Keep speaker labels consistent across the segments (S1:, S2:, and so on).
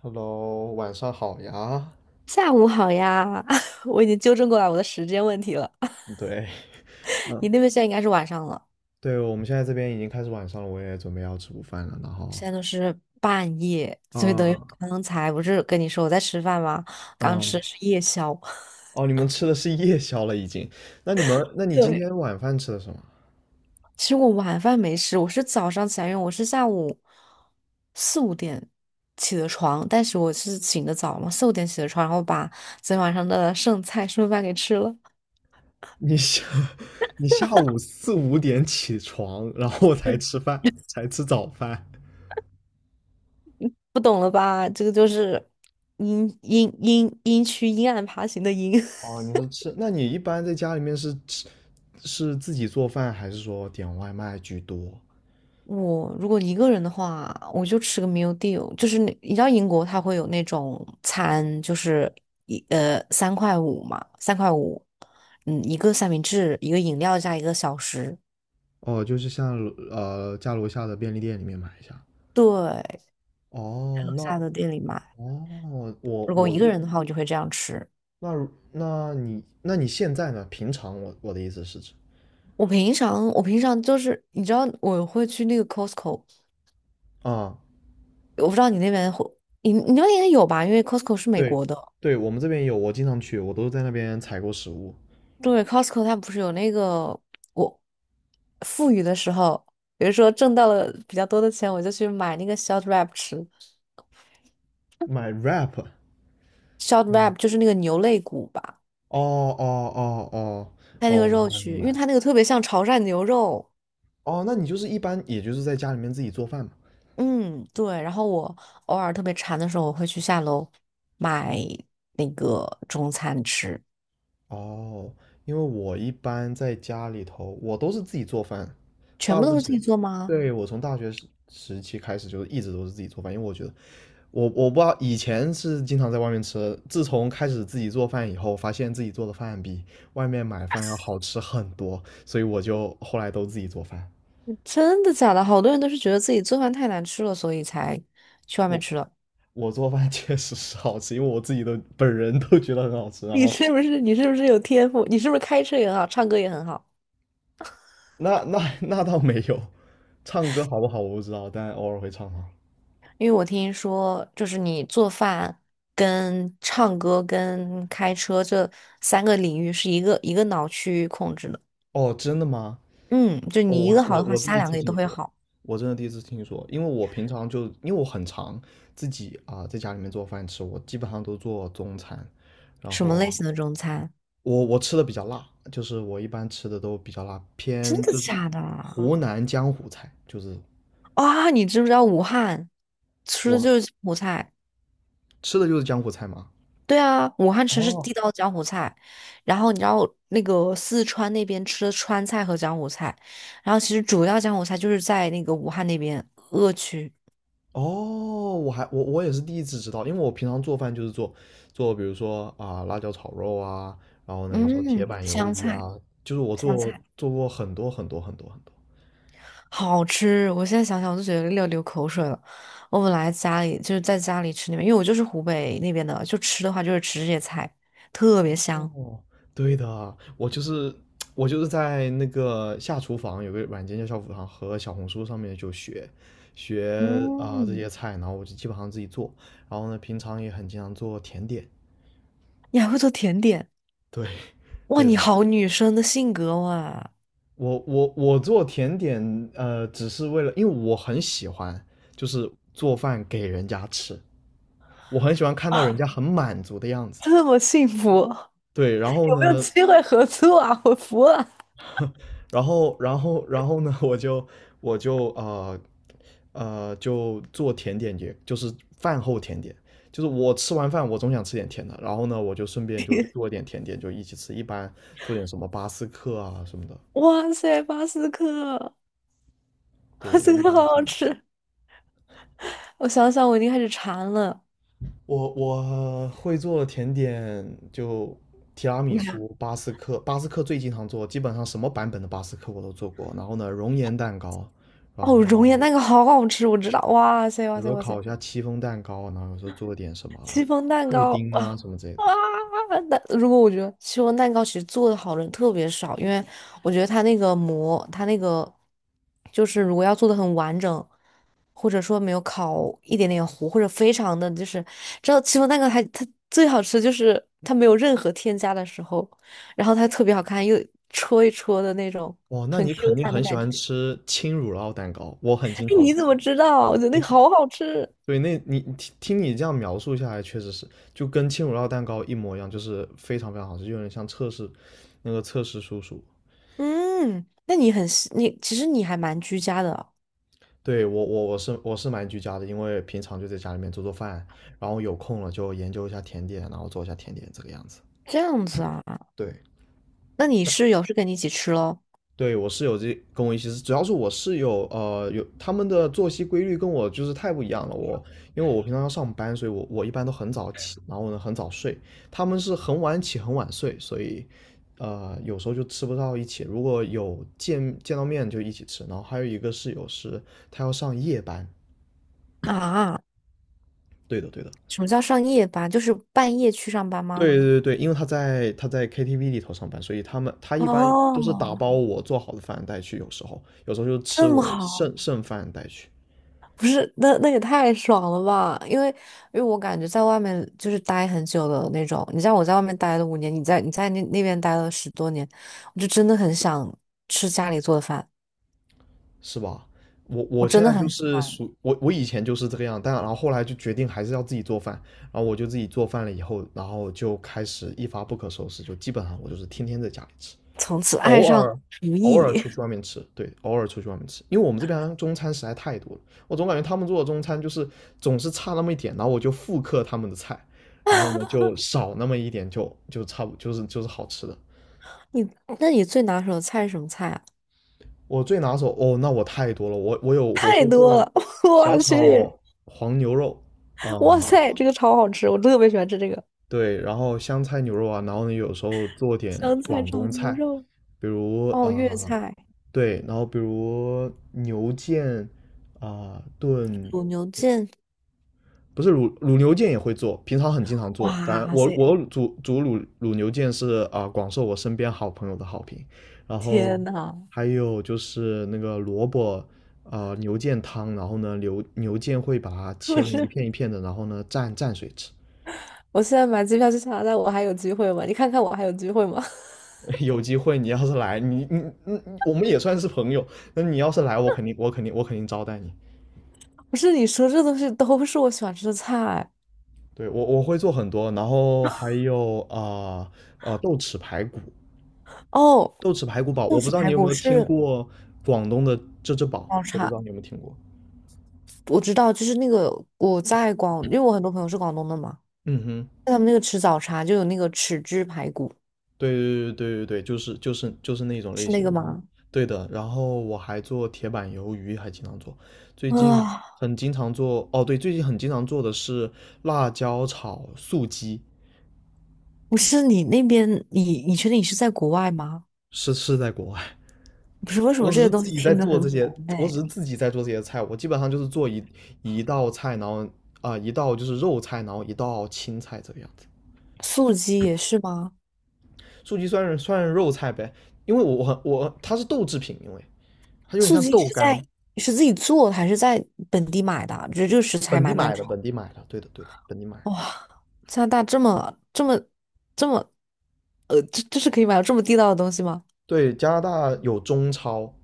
S1: Hello，晚上好呀。
S2: 下午好呀，我已经纠正过来我的时间问题了。
S1: 对，
S2: 你
S1: 嗯
S2: 那边现在应该是晚上了，
S1: 对，我们现在这边已经开始晚上了，我也准备要吃午饭了。然后，
S2: 现在都是半夜，所以等于
S1: 啊，
S2: 刚才不是跟你说我在吃饭吗？刚吃
S1: 嗯，
S2: 的是夜宵。
S1: 哦，你们吃的是夜宵了已经？那你今
S2: 对，
S1: 天晚饭吃的什么？
S2: 其实我晚饭没吃，我是早上起来，因为我是下午四五点起的床，但是我是醒的早嘛，四五点起的床，然后把昨天晚上的剩菜剩饭给吃了。
S1: 你下，你下午四五点起床，然后才吃饭，才吃早饭。
S2: 不懂了吧？这个就是阴阴阴阴区阴暗爬行的阴。
S1: 哦，你是吃，那你一般在家里面是吃，是自己做饭，还是说点外卖居多？
S2: 我如果一个人的话，我就吃个 meal deal，就是那你知道英国它会有那种餐，就是三块五嘛，三块五，嗯，一个三明治，一个饮料加一个小食，
S1: 哦，就是像家楼下的便利店里面买一下。
S2: 对，在
S1: 哦，
S2: 楼下
S1: 哦，
S2: 的店里买。
S1: 我
S2: 如果我
S1: 我
S2: 一个
S1: 一
S2: 人的话，我就会这样吃。
S1: 那你现在呢？平常我的意思是指
S2: 我平常就是你知道我会去那个 Costco，
S1: 啊，
S2: 我不知道你那边会，你那边应该有吧？因为 Costco 是美
S1: 对
S2: 国的。
S1: 对，我们这边有，我经常去，我都在那边采购食物，
S2: 对，Costco 它不是有那个我富裕的时候，比如说挣到了比较多的钱，我就去买那个 short rib 吃。
S1: 买 wrap。
S2: short
S1: 嗯，
S2: rib 就是那个牛肋骨吧，
S1: 哦哦哦哦
S2: 它那个
S1: 哦，明
S2: 肉
S1: 白明
S2: 去，因为
S1: 白。
S2: 它那个特别像潮汕牛肉。
S1: 哦，那你就是一般也就是在家里面自己做饭嘛？
S2: 嗯，对。然后我偶尔特别馋的时候，我会去下楼买那个中餐吃。
S1: 哦，因为我一般在家里头，我都是自己做饭，
S2: 全
S1: 大
S2: 部
S1: 部
S2: 都
S1: 分
S2: 是自
S1: 是。
S2: 己做吗？
S1: 对，我从大学时期开始，就是一直都是自己做饭，因为我觉得我不知道，以前是经常在外面吃，自从开始自己做饭以后，发现自己做的饭比外面买饭要好吃很多，所以我就后来都自己做饭。
S2: 真的假的？好多人都是觉得自己做饭太难吃了，所以才去外面
S1: 我
S2: 吃了。
S1: 我做饭 确实是好吃，因为我自己都本人都觉得很好吃。然
S2: 你
S1: 后
S2: 是不是你是不是有天赋？你是不是开车也很好，唱歌也很好？
S1: 那倒没有，唱歌好不好我不知道，但偶尔会唱啊。
S2: 因为我听说，就是你做饭、跟唱歌、跟开车这3个领域是一个一个脑区控制的。
S1: 哦，真的吗？
S2: 嗯，就
S1: 哦
S2: 你一个好
S1: 我
S2: 的话，
S1: 我
S2: 其
S1: 第
S2: 他
S1: 一
S2: 两
S1: 次
S2: 个也都
S1: 听
S2: 会
S1: 说，
S2: 好。
S1: 我真的第一次听说，因为我平常就因为我很常自己啊、在家里面做饭吃，我基本上都做中餐，然
S2: 什么类
S1: 后
S2: 型的中餐？
S1: 我吃的比较辣，就是我一般吃的都比较辣，
S2: 真
S1: 偏
S2: 的
S1: 就是
S2: 假的
S1: 湖南江湖菜，就是
S2: 啊？你知不知道武汉吃的
S1: 我
S2: 就是柬菜。
S1: 吃的就是江湖菜嘛。
S2: 对啊，武汉吃是
S1: 哦。
S2: 地道江湖菜，然后你知道那个四川那边吃的川菜和江湖菜，然后其实主要江湖菜就是在那个武汉那边鄂区，
S1: 哦，我也是第一次知道，因为我平常做饭就是做比如说啊辣椒炒肉啊，然后呢有时候铁
S2: 嗯，
S1: 板鱿
S2: 湘
S1: 鱼
S2: 菜，
S1: 啊，就是我
S2: 湘
S1: 做
S2: 菜
S1: 做过很多很多很多很多。
S2: 好吃，我现在想想我都觉得要流口水了。我本来家里就是在家里吃那边，因为我就是湖北那边的，就吃的话就是吃这些菜，特别香。
S1: 哦，对的，我就是在那个下厨房有个软件叫下厨房和小红书上面就学啊、这
S2: 嗯，
S1: 些菜，然后我就基本上自己做，然后呢平常也很经常做甜点。
S2: 你还会做甜点，
S1: 对
S2: 哇，
S1: 对的，
S2: 你好女生的性格哇，
S1: 我做甜点，只是为了，因为我很喜欢，就是做饭给人家吃，我很喜欢看到人家很满足的样子。
S2: 这么幸福。有
S1: 对，然后
S2: 没有
S1: 呢，
S2: 机会合作啊？我服了！
S1: 然后然后然后呢，我就我就就做甜点也，就是饭后甜点，就是我吃完饭我总想吃点甜的，然后呢，我就顺便就做点甜点，就一起吃，一般做点什么巴斯克啊什么的。
S2: 哇塞，巴斯克，
S1: 对，
S2: 巴
S1: 我一
S2: 斯克
S1: 般
S2: 好
S1: 是这
S2: 好
S1: 么做。
S2: 吃。我想想，我已经开始馋了。
S1: 我会做的甜点就提拉米
S2: 你还
S1: 苏、巴斯克，巴斯克最经常做，基本上什么版本的巴斯克我都做过。然后呢，熔岩蛋糕，然
S2: 哦，熔
S1: 后
S2: 岩蛋糕好好吃，我知道。哇塞，哇
S1: 有时
S2: 塞，
S1: 候
S2: 哇塞，
S1: 烤一下戚风蛋糕，然后有时候做点什
S2: 戚
S1: 么
S2: 风蛋
S1: 布
S2: 糕
S1: 丁
S2: 啊，
S1: 啊什么之类的。
S2: 那如果我觉得戚风蛋糕其实做的好的人特别少，因为我觉得它那个膜，它那个就是如果要做的很完整，或者说没有烤一点点糊，或者非常的就是，知道戚风蛋糕它最好吃就是它没有任何添加的时候，然后它特别好看，又戳一戳的那种
S1: 哇，那
S2: 很
S1: 你
S2: Q
S1: 肯定
S2: 弹的
S1: 很喜
S2: 感觉。
S1: 欢吃轻乳酪蛋糕，我很
S2: 哎，
S1: 经常。
S2: 你怎么知道啊？我觉得
S1: 你
S2: 那个
S1: 可
S2: 好好吃。
S1: 对，那你听听你这样描述下来，确实是就跟轻乳酪蛋糕一模一样，就是非常非常好吃，就有点像测试叔叔。
S2: 嗯，那你很细你其实你还蛮居家的哦，
S1: 对，我是蛮居家的，因为平常就在家里面做做饭，然后有空了就研究一下甜点，然后做一下甜点这个样子。
S2: 这样子啊。
S1: 对，
S2: 那你室友是跟你一起吃喽？
S1: 对我室友这跟我一起是，主要是我室友有他们的作息规律跟我就是太不一样了。因为我平常要上班，所以我一般都很早起，然后呢很早睡，他们是很晚起很晚睡，所以有时候就吃不到一起。如果有见到面就一起吃，然后还有一个室友是他要上夜班，
S2: 啊，
S1: 对的对的，
S2: 什么叫上夜班？就是半夜去上班吗？
S1: 对对对，因为他在 KTV 里头上班，所以他一般都是打
S2: 哦，
S1: 包我做好的饭带去，有时候就吃
S2: 这么
S1: 我
S2: 好，
S1: 剩饭带去，
S2: 不是，那也太爽了吧？因为我感觉在外面就是待很久的那种，你像我在外面待了5年，你在那边待了10多年，我就真的很想吃家里做的饭，
S1: 是吧？我
S2: 我
S1: 我
S2: 真
S1: 现在
S2: 的
S1: 就
S2: 很喜
S1: 是
S2: 欢，
S1: 属我以前就是这个样，但然后后来就决定还是要自己做饭，然后我就自己做饭了以后，然后就开始一发不可收拾，就基本上我就是天天在家里吃。
S2: 从此爱
S1: 偶
S2: 上
S1: 尔
S2: 厨
S1: 偶尔
S2: 艺。
S1: 出 去外面吃，对，偶尔出去外面吃，因为我们这边中餐实在太多了，我总感觉他们做的中餐就是总是差那么一点，然后我就复刻他们的菜，然后呢就少那么一点就，就差不就是好吃的。
S2: 你那你最拿手的菜是什么菜啊？
S1: 我最拿手哦，那我太多了，我我
S2: 太
S1: 会
S2: 多
S1: 做
S2: 了，
S1: 小
S2: 我去，
S1: 炒黄牛肉
S2: 哇
S1: 啊，
S2: 塞，这个超好吃，我特别喜欢吃这个。
S1: 对，然后香菜牛肉啊，然后呢有时候做点
S2: 香菜
S1: 广
S2: 炒
S1: 东
S2: 牛
S1: 菜，
S2: 肉，
S1: 比如啊、
S2: 哦，粤菜
S1: 对，然后比如牛腱啊、炖，
S2: 卤牛腱，
S1: 不是卤牛腱也会做，平常很经常做。反正
S2: 哇
S1: 我
S2: 塞，
S1: 我煮卤牛腱是啊、广受我身边好朋友的好评，然后
S2: 天呐！
S1: 还有就是那个萝卜。啊牛腱汤，然后呢，牛腱会把它
S2: 不
S1: 切成一
S2: 是
S1: 片一片的，然后呢，蘸蘸水吃。
S2: 我现在买机票去加拿大，我还有机会吗？你看看我还有机会吗？
S1: 有机会你要是来，你你你我们也算是朋友。那你要是来，我肯定招待你。
S2: 不是你说这东西都是我喜欢吃的菜
S1: 对，我会做很多，然后还有啊豆豉排骨，
S2: 哦，
S1: 豆豉排骨煲，
S2: 不
S1: 我不
S2: 止
S1: 知道你
S2: 排
S1: 有没
S2: 骨
S1: 有听
S2: 是
S1: 过广东的这只煲，
S2: 广
S1: 我不知
S2: 茶，
S1: 道你有没有听过。
S2: 我知道，就是那个我在广，因为我很多朋友是广东的嘛，
S1: 嗯哼，
S2: 他们那个吃早茶就有那个豉汁排骨，
S1: 对对对对对对，就是就是就是那种类
S2: 是那
S1: 型
S2: 个
S1: 的啊。
S2: 吗？
S1: 对的，然后我还做铁板鱿鱼，还经常做。最近
S2: 啊，
S1: 很经常做，哦，对，最近很经常做的是辣椒炒素鸡，
S2: 不是你那边，你确定你是在国外吗？
S1: 是在国外。
S2: 不是为什么
S1: 我只
S2: 这
S1: 是
S2: 些
S1: 自
S2: 东西
S1: 己在
S2: 听得
S1: 做
S2: 很
S1: 这些，
S2: 普
S1: 我只是
S2: 遍？
S1: 自己在做这些菜，我基本上就是做一道菜，然后啊、一道就是肉菜，然后一道青菜这个样子。
S2: 素鸡也是吗？
S1: 素鸡算是肉菜呗，因为我我我它是豆制品，因为它有点
S2: 素
S1: 像
S2: 鸡
S1: 豆
S2: 是在
S1: 干，
S2: 是自己做的还是在本地买的啊？觉得这个食材
S1: 本地
S2: 蛮难
S1: 买的，
S2: 炒。
S1: 本地买的，对的对的，本地买的。
S2: 哇，加拿大这么，这是可以买到这么地道的东西吗？
S1: 对，加拿大有中超，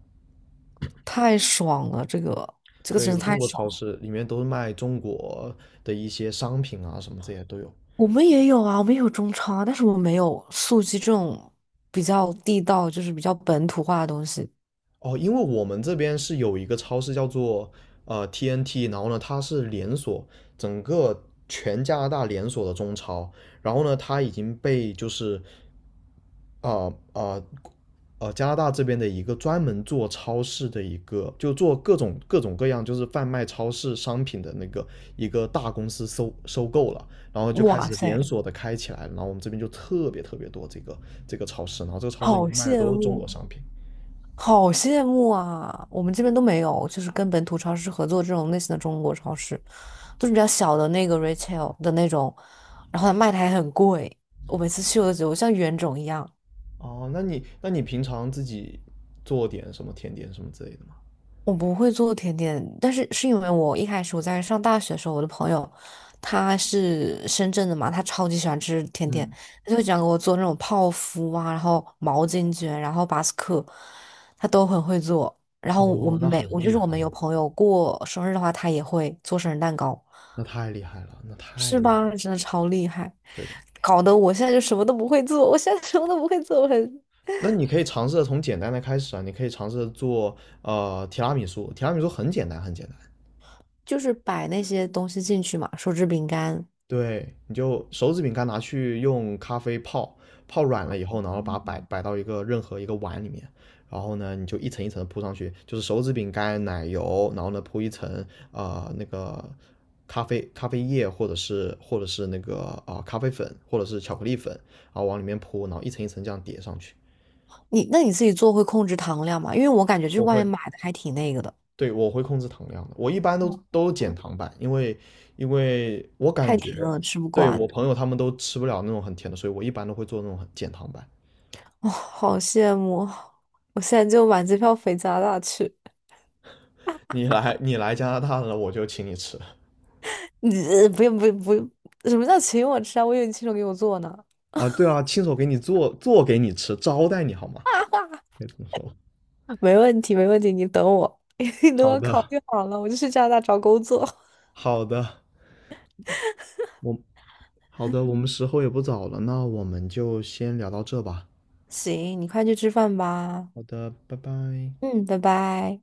S2: 太爽了，这个
S1: 对，
S2: 真的
S1: 有中
S2: 太
S1: 国
S2: 爽
S1: 超
S2: 了。
S1: 市，里面都是卖中国的一些商品啊，什么这些都有。
S2: 我们也有啊，我们也有中超啊，但是我们没有素鸡这种比较地道，就是比较本土化的东西。
S1: 哦，因为我们这边是有一个超市叫做TNT，然后呢，它是连锁，整个全加拿大连锁的中超，然后呢，它已经被就是呃呃加拿大这边的一个专门做超市的一个，就做各种各样就是贩卖超市商品的那个一个大公司收购了，然后就开
S2: 哇
S1: 始连
S2: 塞，
S1: 锁的开起来了然后我们这边就特别特别多这个超市，然后这个超市里
S2: 好
S1: 面卖的
S2: 羡
S1: 都是中国
S2: 慕！
S1: 商品。
S2: 好羡慕啊！我们这边都没有，就是跟本土超市合作这种类型的中国超市，都是比较小的那个 retail 的那种，然后它卖的还很贵。我每次去我都觉得我像冤种一样。
S1: 哦，那你那你平常自己做点什么甜点什么之类的吗？
S2: 我不会做甜点，但是是因为我一开始在上大学的时候，我的朋友他是深圳的嘛，他超级喜欢吃甜点，
S1: 嗯，
S2: 他就想讲给我做那种泡芙啊，然后毛巾卷，然后巴斯克，他都很会做。然后我
S1: 哦，
S2: 们
S1: 那
S2: 每
S1: 很
S2: 我就
S1: 厉
S2: 是
S1: 害，
S2: 我们有朋友过生日的话，他也会做生日蛋糕，
S1: 那太厉害了，那太
S2: 是
S1: 厉害
S2: 吧？
S1: 了
S2: 真的超厉害，
S1: 对的，
S2: 搞得我现在就什么都不会做，我现在什么都不会做，我很
S1: 那你可以尝试着从简单的开始啊，你可以尝试着做提拉米苏，提拉米苏很简单，很简单。
S2: 就是摆那些东西进去嘛，手指饼干。
S1: 对，你就手指饼干拿去用咖啡泡，泡软了以后，然后把它摆到一个任何一个碗里面，然后呢，你就一层一层的铺上去，就是手指饼干、奶油，然后呢铺一层那个咖啡液或者是那个啊、咖啡粉或者是巧克力粉，然后往里面铺，然后一层一层这样叠上去。
S2: 那你自己做会控制糖量吗？因为我感觉就是
S1: 我
S2: 外面
S1: 会，
S2: 买的还挺那个的，
S1: 对，我会控制糖量的，我一般都减
S2: 嗯，
S1: 糖版，因为我感
S2: 太
S1: 觉，
S2: 甜了，吃不
S1: 对
S2: 惯。
S1: 我朋友他们都吃不了那种很甜的，所以我一般都会做那种很减糖版。
S2: 哦，好羡慕！我现在就买机票飞加拿大去。
S1: 你来加拿大了，我就请你吃
S2: 不用不用不用，什么叫请我吃啊？我以为你亲手给我做呢。
S1: 啊，对啊，亲手给你做做给你吃，招待你好吗？
S2: 哈哈，
S1: 可以这么说。
S2: 没问题没问题，你等我，你等
S1: 好
S2: 我考
S1: 的，
S2: 虑好了，我就去加拿大找工作。
S1: 好的，我好的，我们时候也不早了，那我们就先聊到这吧。
S2: 行，你快去吃饭吧。
S1: 好的，拜拜。
S2: 嗯，拜拜。